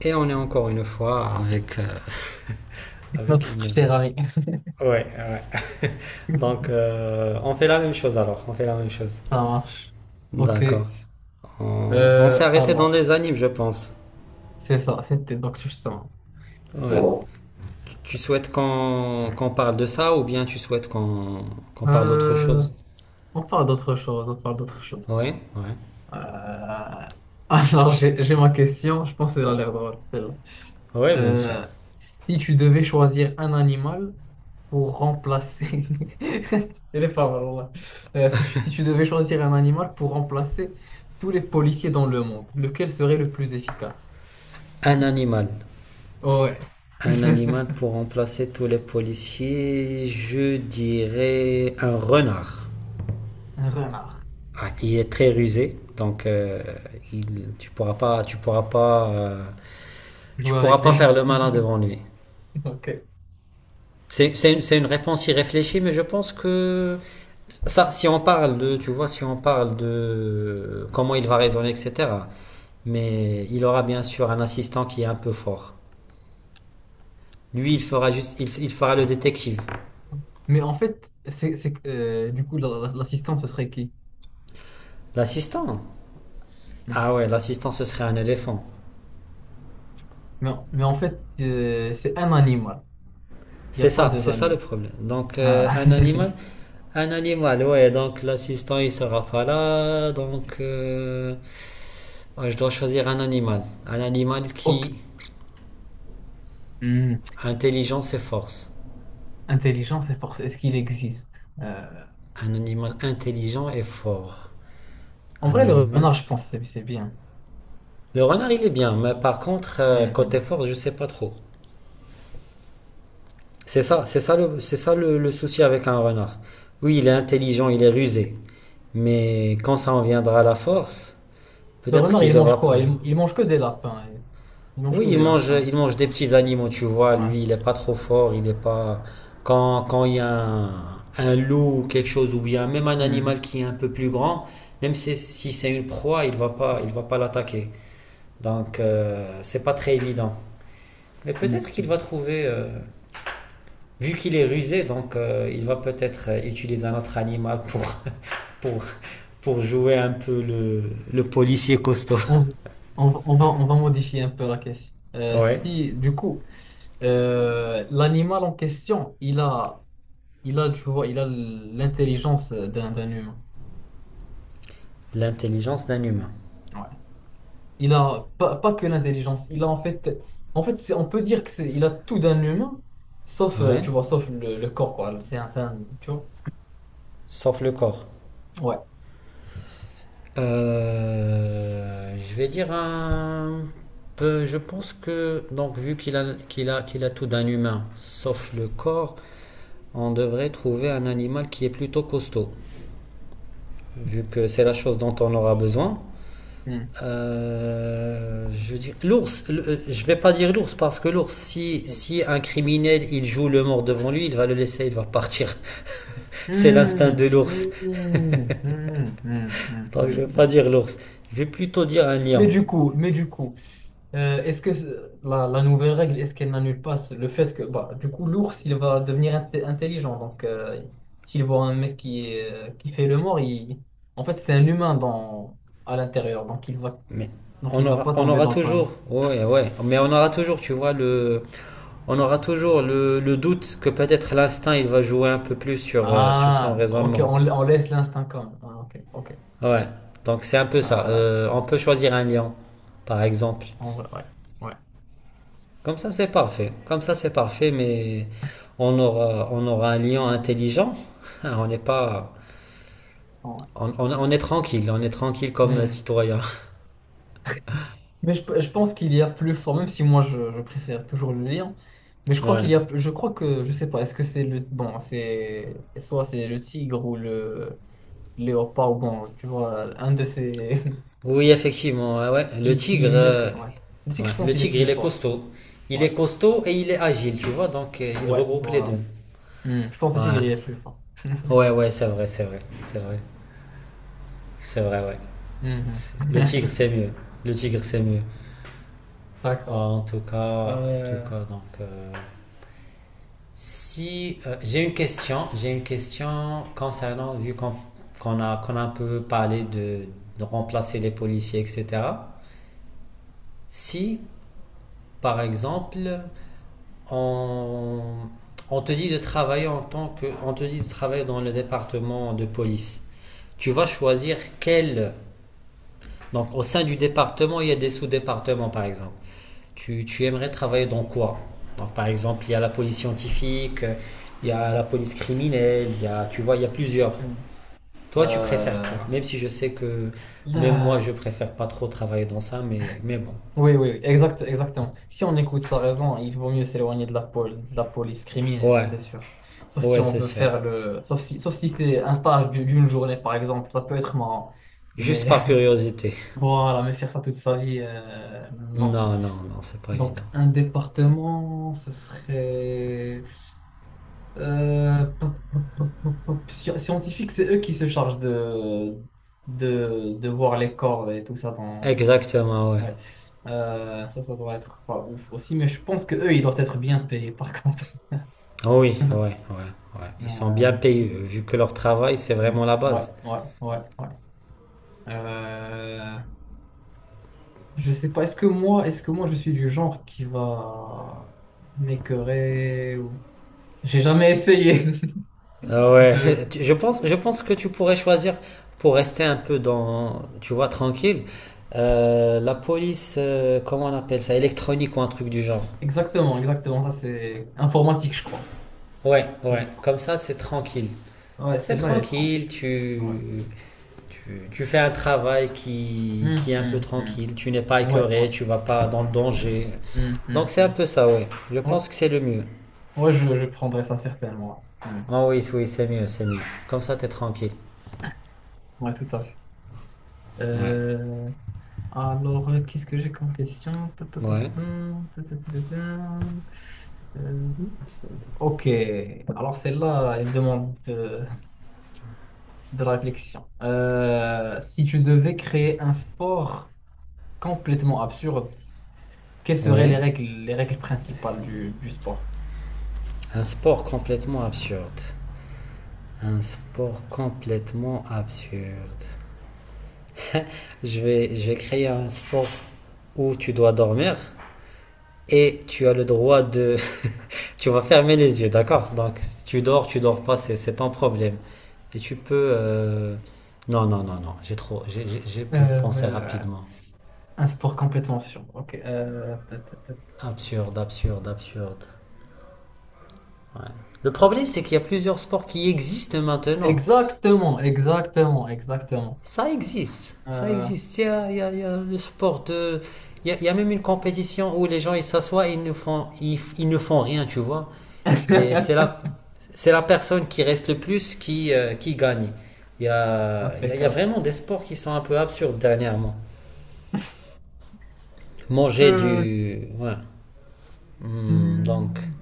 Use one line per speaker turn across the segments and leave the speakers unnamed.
Et on est encore une fois avec. Avec une.
Notre cher ami.
Ouais, ouais. Donc, on fait la même chose alors. On fait la même chose.
Ça marche. Ok.
D'accord. On s'est
Euh,
arrêté dans
alors,
les animes, je pense.
c'est ça, c'était donc justement.
Ouais. Tu souhaites qu'on parle de ça ou bien tu souhaites qu'on parle d'autre
Euh,
chose.
on parle d'autre chose, on parle d'autre chose.
Oui. Ouais.
Euh, j'ai ma question, je pense qu'elle a l'air drôle, celle-là.
Ouais, bien sûr.
Euh, Si tu devais choisir un animal pour remplacer... Elle est pas mal, voilà. Si tu devais choisir un animal pour remplacer tous les policiers dans le monde, lequel serait le plus efficace?
Un animal.
Oh, ouais.
Un animal pour remplacer tous les policiers, je dirais un renard.
Un renard.
Ah, il est très rusé, donc tu pourras pas, tu pourras pas, tu
Jouer
pourras
avec
pas
lui.
faire le malin devant lui.
Ok.
C'est une, c'est une réponse irréfléchie, mais je pense que ça, si on parle de, tu vois, si on parle de comment il va raisonner, etc. Mais il aura bien sûr un assistant qui est un peu fort. Lui, il fera juste, il fera le détective.
Mais en fait, du coup, l'assistant, ce serait qui?
L'assistant?
Hmm.
Ah ouais, l'assistant, ce serait un éléphant.
Mais en fait, c'est un animal. Il n'y a pas deux
C'est ça le
animaux.
problème. Donc,
Ah.
un animal, ouais, donc l'assistant il sera pas là, donc ouais, je dois choisir un animal. Un animal
Ok.
qui,
Hmm.
intelligence et force.
Intelligence et force, est-ce qu'il existe? Euh,
Un animal intelligent et fort.
En
Un
vrai, le
animal.
renard, je pense, que c'est bien.
Le renard il est bien, mais par contre, côté
Mhm.
force, je sais pas trop. C'est ça le souci avec un renard. Oui, il est intelligent, il est rusé, mais quand ça en viendra à la force,
Le
peut-être
renard,
qu'il
il mange
devra
quoi?
prendre.
Il mange que des lapins. Il mange
Oui,
que des lapins.
il
C'est
mange des
quoi?
petits animaux, tu vois.
Ouais.
Lui, il est pas trop fort, il est pas. Quand il y a un loup ou quelque chose, ou bien même un
Hmm.
animal qui est un peu plus grand, même si, si c'est une proie, il va pas l'attaquer. Donc, c'est pas très évident. Mais peut-être qu'il
Mhm.
va trouver, vu qu'il est rusé, donc il va peut-être utiliser un autre animal pour, pour jouer un peu le policier costaud.
On, on va modifier un peu la question.
Ouais.
Si, du coup. L'animal en question, il a, tu vois, il a l'intelligence d'un humain.
L'intelligence d'un humain.
Ouais. Il a pas, pas que l'intelligence, il a en fait, on peut dire que c'est, il a tout d'un humain, sauf,
Ouais.
tu vois, sauf le corps, quoi. Tu vois.
Sauf le corps.
Ouais.
Je vais dire un peu. Je pense que, donc, vu qu'il a, qu'il a, qu'il a tout d'un humain, sauf le corps, on devrait trouver un animal qui est plutôt costaud, vu que c'est la chose dont on aura besoin.
Hmm.
Je veux dire, l'ours, je vais pas dire l'ours parce que l'ours, si, si un criminel il joue le mort devant lui, il va le laisser, il va partir. C'est l'instinct
Hmm.
de l'ours.
Hmm. Hmm. Hmm. Hmm.
Donc
Hmm.
je vais pas
Hmm.
dire l'ours. Je vais plutôt dire un lion.
Mais du coup, est-ce que la, la nouvelle règle, est-ce qu'elle n'annule pas le fait que, bah, du coup, l'ours, il va devenir intelligent. Donc, s'il voit un mec qui, est, qui fait le mort, il... en fait, c'est un humain dans... à l'intérieur.
Mais
Donc, il va pas
on
tomber
aura
dans le
toujours,
panneau.
ouais, ouais, mais on aura toujours, tu vois, le, on aura toujours le doute que peut-être l'instinct, il va jouer un peu plus sur, sur son
Ah, ok,
raisonnement.
on laisse l'instinct comme. Ah, ok, ok.
Ouais, donc c'est un peu ça.
Euh,
On peut choisir un lion, par exemple.
En vrai, ouais, ouais.
Comme ça, c'est parfait. Comme ça, c'est parfait, mais on aura un lion intelligent. On n'est pas,
En
on, on est tranquille comme
vrai.
citoyen.
Mais je pense qu'il y a plus fort, même si moi je préfère toujours le lire. Mais je crois qu'il
Ouais.
y a, je crois que, je sais pas, est-ce que c'est le, bon, c'est, soit c'est le tigre ou le léopard, ou bon, tu vois, un de ces,
Oui, effectivement, ouais, ouais. Le
qui
tigre,
est mieux que, ouais. Le tigre,
ouais,
je
le
pense, il est
tigre,
plus
il est
fort.
costaud. Il
Ouais,
est costaud et il est agile, tu vois, donc il
ouais,
regroupe les deux.
voilà. Hmm, je pense que le tigre,
Ouais,
il est plus fort.
ouais, ouais, c'est vrai, c'est vrai, c'est vrai, c'est vrai, ouais.
Mhm.
Le tigre, c'est mieux. Le tigre, c'est mieux. Ah,
D'accord.
en tout cas, en tout
Euh,
cas, donc, si j'ai une question, j'ai une question concernant, vu qu'on a, qu'on a un peu parlé de remplacer les policiers, etc. Si, par exemple, on, on te dit de travailler en tant que, on te dit de travailler dans le département de police. Tu vas choisir quel, donc au sein du département, il y a des sous-départements par exemple. Tu aimerais travailler dans quoi? Donc par exemple, il y a la police scientifique, il y a
hmm,
la police criminelle, il y a, tu vois, il y a plusieurs.
hmm.
Toi, tu préfères quoi?
Euh,
Même si je sais que même moi,
Là.
je préfère pas trop travailler dans ça, mais bon.
Oui, oui, oui, exact, exactement. Si on écoute sa raison, il vaut mieux s'éloigner de la, de la police criminelle, ça
Ouais,
c'est sûr. Sauf si
ouais,
on
c'est
veut
sûr.
faire le... sauf si c'est un stage d'une journée, par exemple, ça peut être marrant.
Juste
Mais
par curiosité.
voilà, mais faire ça toute sa vie, non.
Non, non, non, c'est pas
Donc,
évident.
un département, ce serait... Scientifique, c'est eux qui se chargent de voir les corps et tout ça.
Exactement, ouais.
Ouais. Ça doit être pas ouf aussi, mais je pense que eux, ils doivent être bien payés par contre.
Ah oui, ouais, ouais, ouais. Ils sont
Euh,
bien payés, vu que leur travail, c'est
hmm.
vraiment la
Ouais,
base.
ouais, ouais, ouais. Euh, je sais pas, est-ce que moi, je suis du genre qui va m'écœurer ou... J'ai jamais essayé
Ah ouais,
de...
je pense que tu pourrais choisir pour rester un peu dans, tu vois, tranquille, la police, comment on appelle ça, électronique ou un truc du genre.
Exactement, exactement, ça c'est informatique, je crois.
Ouais,
Je
ouais,
sais pas.
comme ça, c'est tranquille.
Ouais,
C'est
celle-là, elle est tranquille.
tranquille,
Ouais.
tu, tu fais un travail
Hmm,
qui est un peu
hmm, hmm.
tranquille, tu n'es pas
Ouais,
écœuré,
ouais.
tu vas pas dans le danger.
Hmm, hmm,
Donc c'est un
hmm.
peu ça, ouais. Je
Ouais,
pense que c'est le mieux.
ouais, je prendrais ça certainement. Ouais. Hmm.
Oh oui, oui, c'est mieux, c'est mieux. Comme ça, t'es tranquille.
Ouais, tout à fait.
Ouais,
Euh, qu'est-ce que j'ai comme question? Ta, ta, ta, ta,
ouais,
ta, ta, ta, ta, ta. Ta. Euh, ok, alors celle-là, elle demande de la réflexion. Si tu devais créer un sport complètement absurde, quelles seraient
ouais.
les règles principales du sport?
Un sport complètement absurde. Un sport complètement absurde. Je vais créer un sport où tu dois dormir et tu as le droit de... Tu vas fermer les yeux, d'accord? Donc, si tu dors, tu dors pas, c'est ton problème. Et tu peux... non, non, non, non. J'ai trop... j'ai pu penser
Euh,
rapidement.
un sport complètement absurde. Ok. Ta, ta, ta.
Absurde, absurde, absurde. Ouais. Le problème, c'est qu'il y a plusieurs sports qui existent maintenant.
Exactement, exactement, exactement.
Ça existe, ça
Euh,
existe. Il y a, il y a le sport de... il y a même une compétition où les gens, ils s'assoient et ils ne font, ils ne font rien, tu vois. Et c'est la personne qui reste le plus qui gagne. Il y a, il y a
Impeccable.
vraiment des sports qui sont un peu absurdes dernièrement. Manger
Euh,
du... Ouais. Donc,
Hmm,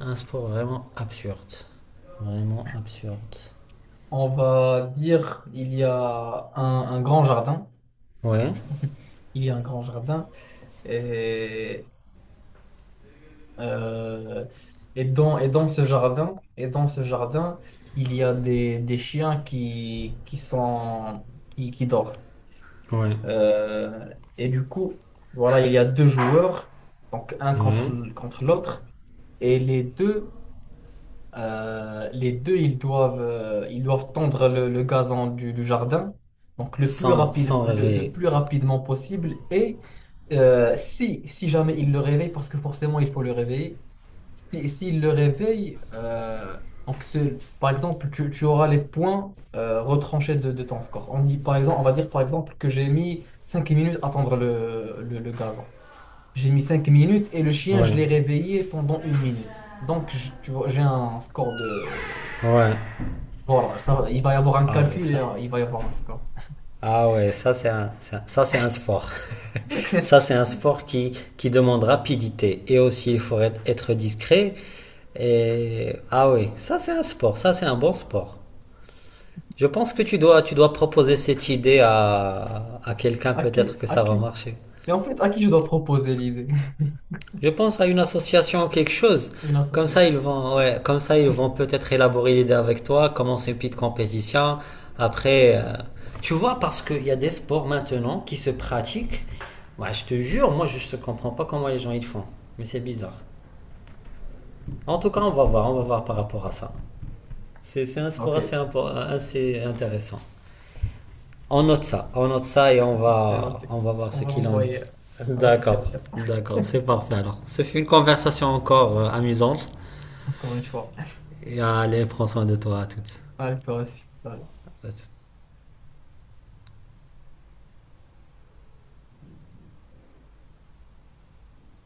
un sport vraiment absurde. Vraiment absurde.
on va dire il y a un grand jardin.
Ouais.
Il y a un grand jardin et, euh, et dans ce jardin et dans ce jardin il y a des chiens qui, qui sont, qui dorment.
Ouais.
Et du coup voilà il y a deux joueurs donc un contre
Ouais.
contre l'autre et les deux. Les deux, ils doivent tondre le gazon du jardin, donc le plus
Sans,
rapide,
sans
le
réveiller.
plus rapidement possible. Et si jamais ils le réveillent, parce que forcément il faut le réveiller, si, s'ils le réveillent, donc par exemple, tu auras les points retranchés de ton score. On dit, par exemple, on va dire par exemple que j'ai mis 5 minutes à tondre le gazon. J'ai mis 5 minutes et le chien, je
Ouais,
l'ai réveillé pendant 1 minute. Donc, tu vois, j'ai un score de...
ouais.
Voilà, ça va, il va y avoir un
Ah ouais,
calcul et
ça.
il va y avoir un score.
Ah ouais, ça c'est un, ça c'est un sport. Ça c'est un sport qui demande rapidité et aussi il faut être, être discret. Et ah oui, ça c'est un sport, ça c'est un bon sport. Je pense que tu dois proposer cette idée à quelqu'un,
À qui,
peut-être que
à
ça va
qui?
marcher.
Mais en fait, à qui je dois proposer l'idée?
Je pense à une association ou quelque chose.
Une
Comme
association.
ça, ils vont, ouais, comme ça, ils vont peut-être élaborer l'idée avec toi, commencer une petite compétition. Après, tu vois, parce qu'il y a des sports maintenant qui se pratiquent. Ouais, je te jure, moi, je ne comprends pas comment les gens ils font. Mais c'est bizarre. En tout cas, on va voir par rapport à ça. C'est un sport
Ok,
assez, assez intéressant. On note ça et
c'est noté.
on va voir
On
ce
va
qu'il en est.
l'envoyer à
D'accord,
l'association,
d'accord, c'est parfait alors. Ce fut une conversation encore amusante.
encore une fois.
Et allez, prends soin de toi à toutes.
Allez, toi aussi. Bye.
À toutes.